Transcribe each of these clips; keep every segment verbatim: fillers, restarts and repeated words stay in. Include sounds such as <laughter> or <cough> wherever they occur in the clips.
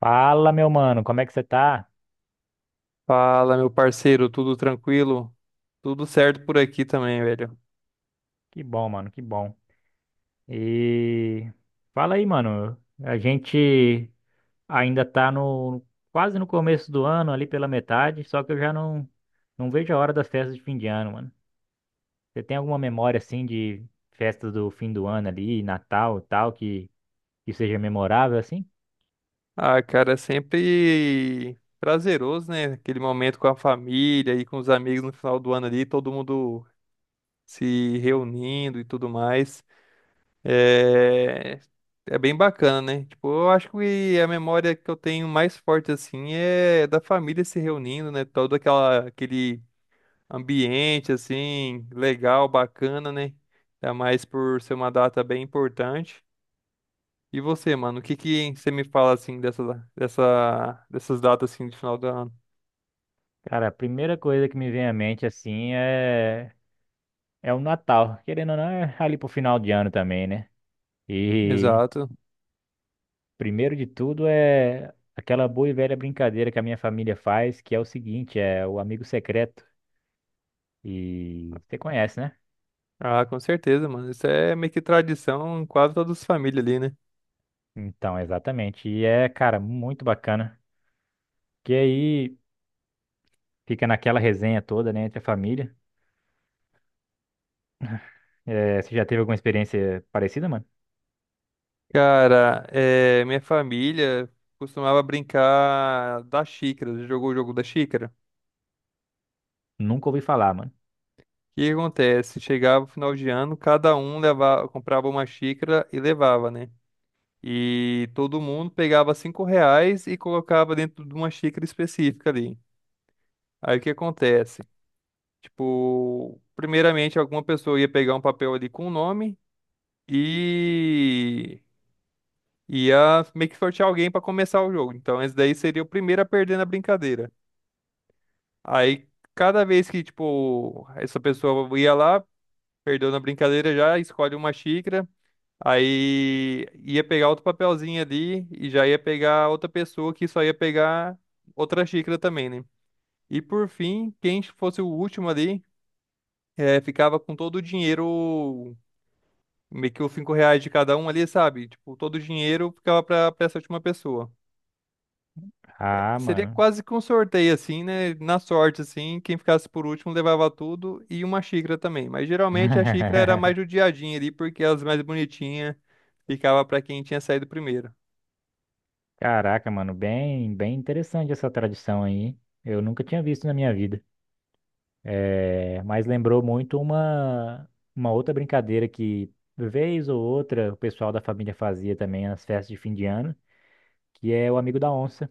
Fala, meu mano, como é que você tá? Fala, meu parceiro, tudo tranquilo? Tudo certo por aqui também, velho. Que bom, mano, que bom. E fala aí, mano. A gente ainda tá no quase no começo do ano, ali pela metade, só que eu já não não vejo a hora das festas de fim de ano, mano. Você tem alguma memória assim de festas do fim do ano ali, Natal e tal, que que seja memorável assim? Ah, cara, é sempre prazeroso, né? Aquele momento com a família e com os amigos no final do ano ali, todo mundo se reunindo e tudo mais. É, é bem bacana, né? Tipo, eu acho que a memória que eu tenho mais forte, assim, é da família se reunindo, né? Todo aquela... aquele ambiente, assim, legal, bacana, né? Ainda mais por ser uma data bem importante. E você, mano, o que que você me fala assim dessa, dessa, dessas datas assim de final do ano? Cara, a primeira coisa que me vem à mente assim é é o Natal. Querendo ou não, é ali pro final de ano também, né? E Exato. primeiro de tudo é aquela boa e velha brincadeira que a minha família faz, que é o seguinte, é o amigo secreto. E você conhece, né? Ah, com certeza, mano. Isso é meio que tradição em quase todas as famílias ali, né? Então, exatamente. E é, cara, muito bacana. Que aí fica naquela resenha toda, né, entre a família. É, você já teve alguma experiência parecida, mano? Cara, é, minha família costumava brincar da xícara. Jogou o jogo da xícara? Nunca ouvi falar, mano. O que que acontece? Chegava o final de ano, cada um levava, comprava uma xícara e levava, né? E todo mundo pegava cinco reais e colocava dentro de uma xícara específica ali. Aí o que acontece? Tipo, primeiramente, alguma pessoa ia pegar um papel ali com o nome e ia meio que sortear alguém para começar o jogo. Então, esse daí seria o primeiro a perder na brincadeira. Aí, cada vez que, tipo, essa pessoa ia lá, perdeu na brincadeira já, escolhe uma xícara. Aí ia pegar outro papelzinho ali e já ia pegar outra pessoa que só ia pegar outra xícara também, né? E por fim, quem fosse o último ali, eh, ficava com todo o dinheiro. Meio que os cinco reais de cada um ali, sabe? Tipo, todo o dinheiro ficava pra, pra essa última pessoa. Ah, Seria mano. quase que um sorteio, assim, né? Na sorte, assim, quem ficasse por último levava tudo e uma xícara também. Mas geralmente a xícara era mais <laughs> do ali, porque as mais bonitinhas ficava pra quem tinha saído primeiro. Caraca, mano, bem, bem interessante essa tradição aí. Eu nunca tinha visto na minha vida. É, mas lembrou muito uma, uma outra brincadeira que, vez ou outra, o pessoal da família fazia também nas festas de fim de ano, que é o amigo da onça,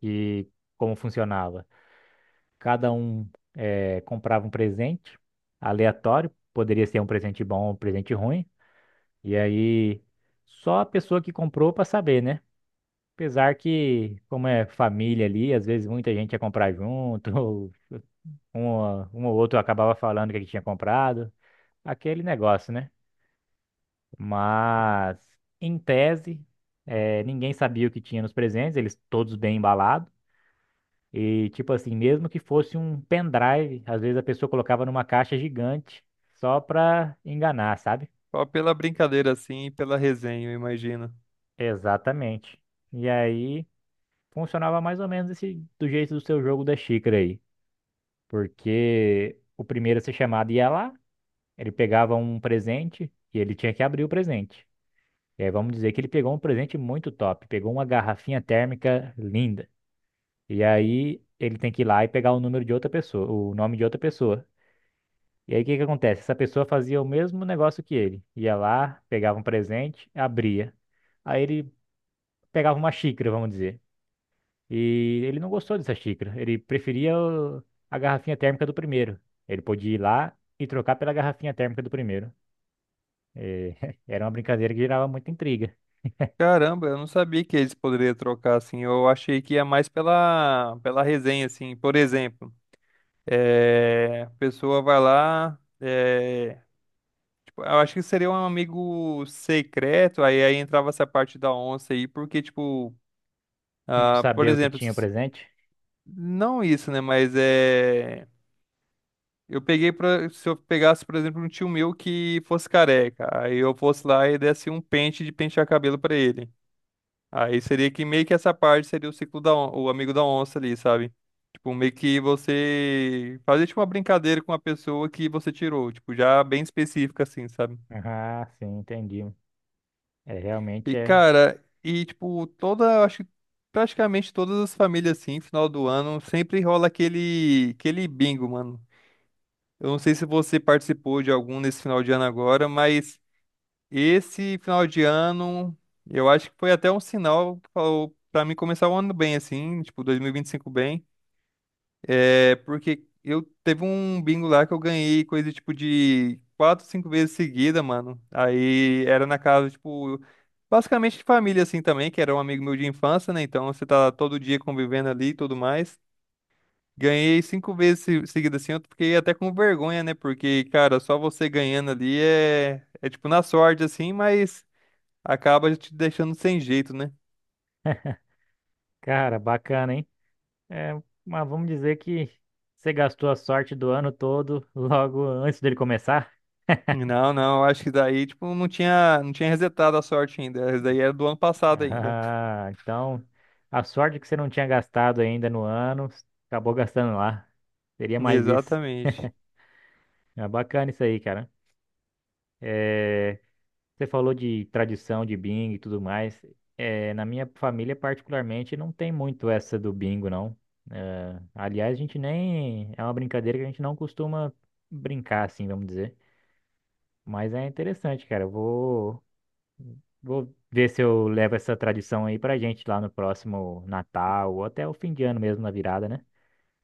que como funcionava? Cada um é, comprava um presente aleatório, poderia ser um presente bom ou um presente ruim, e aí só a pessoa que comprou para saber, né? Apesar que, como é família ali, às vezes muita gente ia comprar junto, <laughs> ou um, um ou outro acabava falando que tinha comprado, aquele negócio, né? Mas, em tese, eh, ninguém sabia o que tinha nos presentes, eles todos bem embalados. E, tipo assim, mesmo que fosse um pendrive, às vezes a pessoa colocava numa caixa gigante só pra enganar, sabe? Só pela brincadeira, assim, e pela resenha, eu imagino. Exatamente. E aí funcionava mais ou menos esse, do jeito do seu jogo da xícara aí. Porque o primeiro a ser chamado ia lá, ele pegava um presente e ele tinha que abrir o presente. E aí vamos dizer que ele pegou um presente muito top, pegou uma garrafinha térmica linda. E aí ele tem que ir lá e pegar o número de outra pessoa, o nome de outra pessoa. E aí o que que acontece? Essa pessoa fazia o mesmo negócio que ele. Ia lá, pegava um presente, abria. Aí ele pegava uma xícara, vamos dizer. E ele não gostou dessa xícara. Ele preferia o- a garrafinha térmica do primeiro. Ele podia ir lá e trocar pela garrafinha térmica do primeiro. E <laughs> era uma brincadeira que gerava muita intriga. Caramba, eu não sabia que eles poderiam trocar, assim. Eu achei que ia mais pela, pela resenha, assim. Por exemplo, eh, a pessoa vai lá. eh, Eu acho que seria um amigo secreto, aí, aí entrava essa parte da onça aí, porque, tipo, Não ah, por saber o que exemplo, tinha s- presente. não isso, né? Mas é. Eu peguei pra. Se eu pegasse, por exemplo, um tio meu que fosse careca, aí eu fosse lá e desse um pente de pentear cabelo pra ele. Aí seria que meio que essa parte seria o ciclo da on... o amigo da onça ali, sabe? Tipo, meio que você fazer tipo uma brincadeira com a pessoa que você tirou, tipo, já bem específica assim, sabe? Ah, sim, entendi. É, realmente E, é. cara, e tipo, toda, acho que praticamente todas as famílias, assim, final do ano, sempre rola aquele, aquele bingo, mano. Eu não sei se você participou de algum nesse final de ano agora, mas esse final de ano, eu acho que foi até um sinal pra pra mim começar o ano bem, assim, tipo, dois mil e e vinte e cinco bem. É porque eu teve um bingo lá que eu ganhei coisa tipo de quatro, cinco vezes seguida, mano. Aí era na casa, tipo, basicamente de família assim também, que era um amigo meu de infância, né? Então você tá todo dia convivendo ali e tudo mais. Ganhei cinco vezes se- seguida assim, eu fiquei até com vergonha, né? Porque, cara, só você ganhando ali é, é tipo na sorte assim, mas acaba te deixando sem jeito, né? Cara, bacana, hein? É, mas vamos dizer que você gastou a sorte do ano todo logo antes dele começar? Não, não, acho que daí, tipo, não tinha, não tinha resetado a sorte ainda. Essa daí era do ano passado ainda. Ah, então a sorte que você não tinha gastado ainda no ano, acabou gastando lá. Seria mais isso. Exatamente. É bacana isso aí, cara. É, você falou de tradição de bingo e tudo mais. É, na minha família, particularmente, não tem muito essa do bingo, não. É, aliás, a gente nem. É uma brincadeira que a gente não costuma brincar, assim, vamos dizer. Mas é interessante, cara. Eu vou, vou ver se eu levo essa tradição aí pra gente lá no próximo Natal ou até o fim de ano mesmo, na virada, né?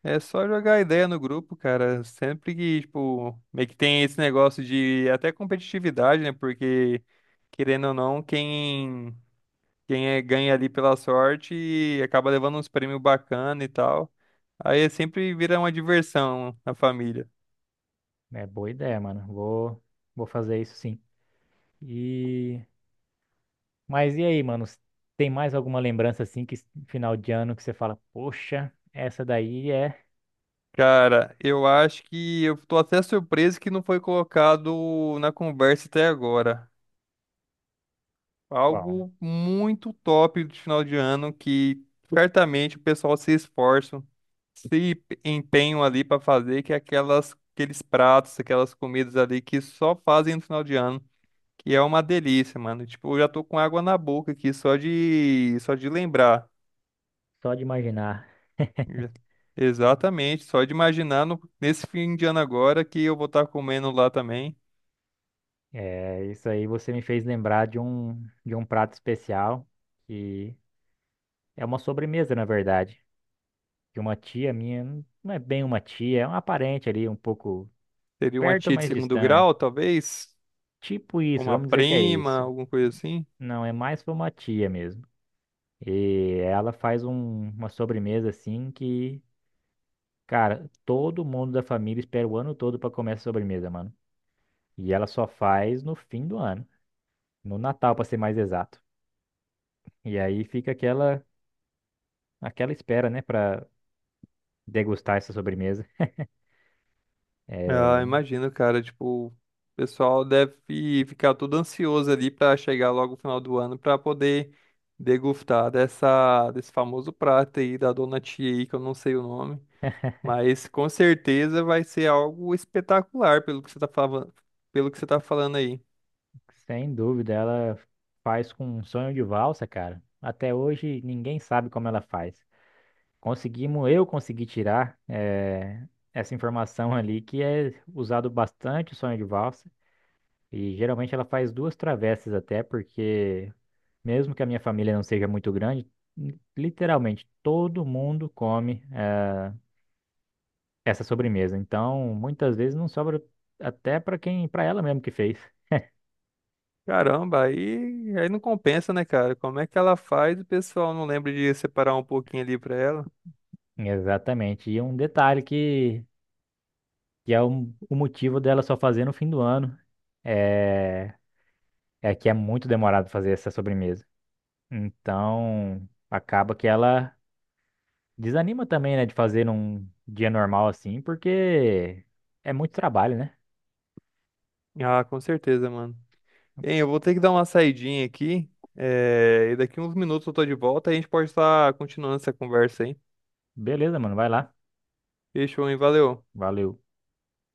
É só jogar ideia no grupo, cara. Sempre que, tipo, meio que tem esse negócio de até competitividade, né? Porque, querendo ou não, quem, quem é, ganha ali pela sorte acaba levando uns prêmios bacana e tal. Aí é sempre vira uma diversão na família. É boa ideia, mano. Vou, vou fazer isso sim. E. Mas e aí, mano? Tem mais alguma lembrança assim que final de ano que você fala, poxa, essa daí é Cara, eu acho que eu tô até surpreso que não foi colocado na conversa até agora. uau, Algo muito top de final de ano que certamente o pessoal se esforça. se p- empenham ali para fazer, que é aquelas, aqueles pratos, aquelas comidas ali que só fazem no final de ano, que é uma delícia, mano. Tipo, eu já tô com água na boca aqui só de só de lembrar. só de imaginar. Já- <laughs> Exatamente, só de imaginar no- nesse fim de ano agora que eu vou estar comendo lá também. É, isso aí você me fez lembrar de um de um prato especial que é uma sobremesa, na verdade, de uma tia minha, não não é bem uma tia, é uma parente ali um pouco Seria uma perto, tia de mas segundo distante. grau, talvez, Tipo isso, uma vamos dizer que é prima, isso. alguma coisa assim. Não, é mais pra uma tia mesmo. E ela faz um- uma sobremesa assim que cara, todo mundo da família espera o ano todo pra comer essa sobremesa, mano. E ela só faz no fim do ano, no Natal, pra ser mais exato. E aí fica aquela aquela espera, né, pra degustar essa sobremesa. Ah, É, imagino, cara, tipo, o pessoal deve ficar todo ansioso ali pra chegar logo o final do ano pra poder degustar dessa desse famoso prato aí da Dona Tia aí, que eu não sei o nome, mas com certeza vai ser algo espetacular pelo que você tá falando, pelo que você tá falando aí. sem dúvida, ela faz com um sonho de valsa, cara. Até hoje ninguém sabe como ela faz. Conseguimos, eu consegui tirar é, essa informação ali que é usado bastante o sonho de valsa. E geralmente ela faz duas travessas até, porque mesmo que a minha família não seja muito grande, literalmente todo mundo come eh, essa sobremesa. Então, muitas vezes não sobra até para quem, para ela mesmo que fez. <laughs> Caramba, aí aí não compensa, né, cara? Como é que ela faz? O pessoal não lembra de separar um pouquinho ali pra ela? Exatamente. E um detalhe que, que é um- o motivo dela só fazer no fim do ano é, é que é muito demorado fazer essa sobremesa. Então, acaba que ela desanima também, né, de fazer num dia normal assim, porque é muito trabalho, né? Ah, com certeza, mano. Hein, eu vou ter que dar uma saidinha aqui. eh, E daqui uns minutos eu tô de volta. A gente pode estar continuando essa conversa aí. Beleza, mano, vai lá. Fechou, hein? Valeu. Valeu.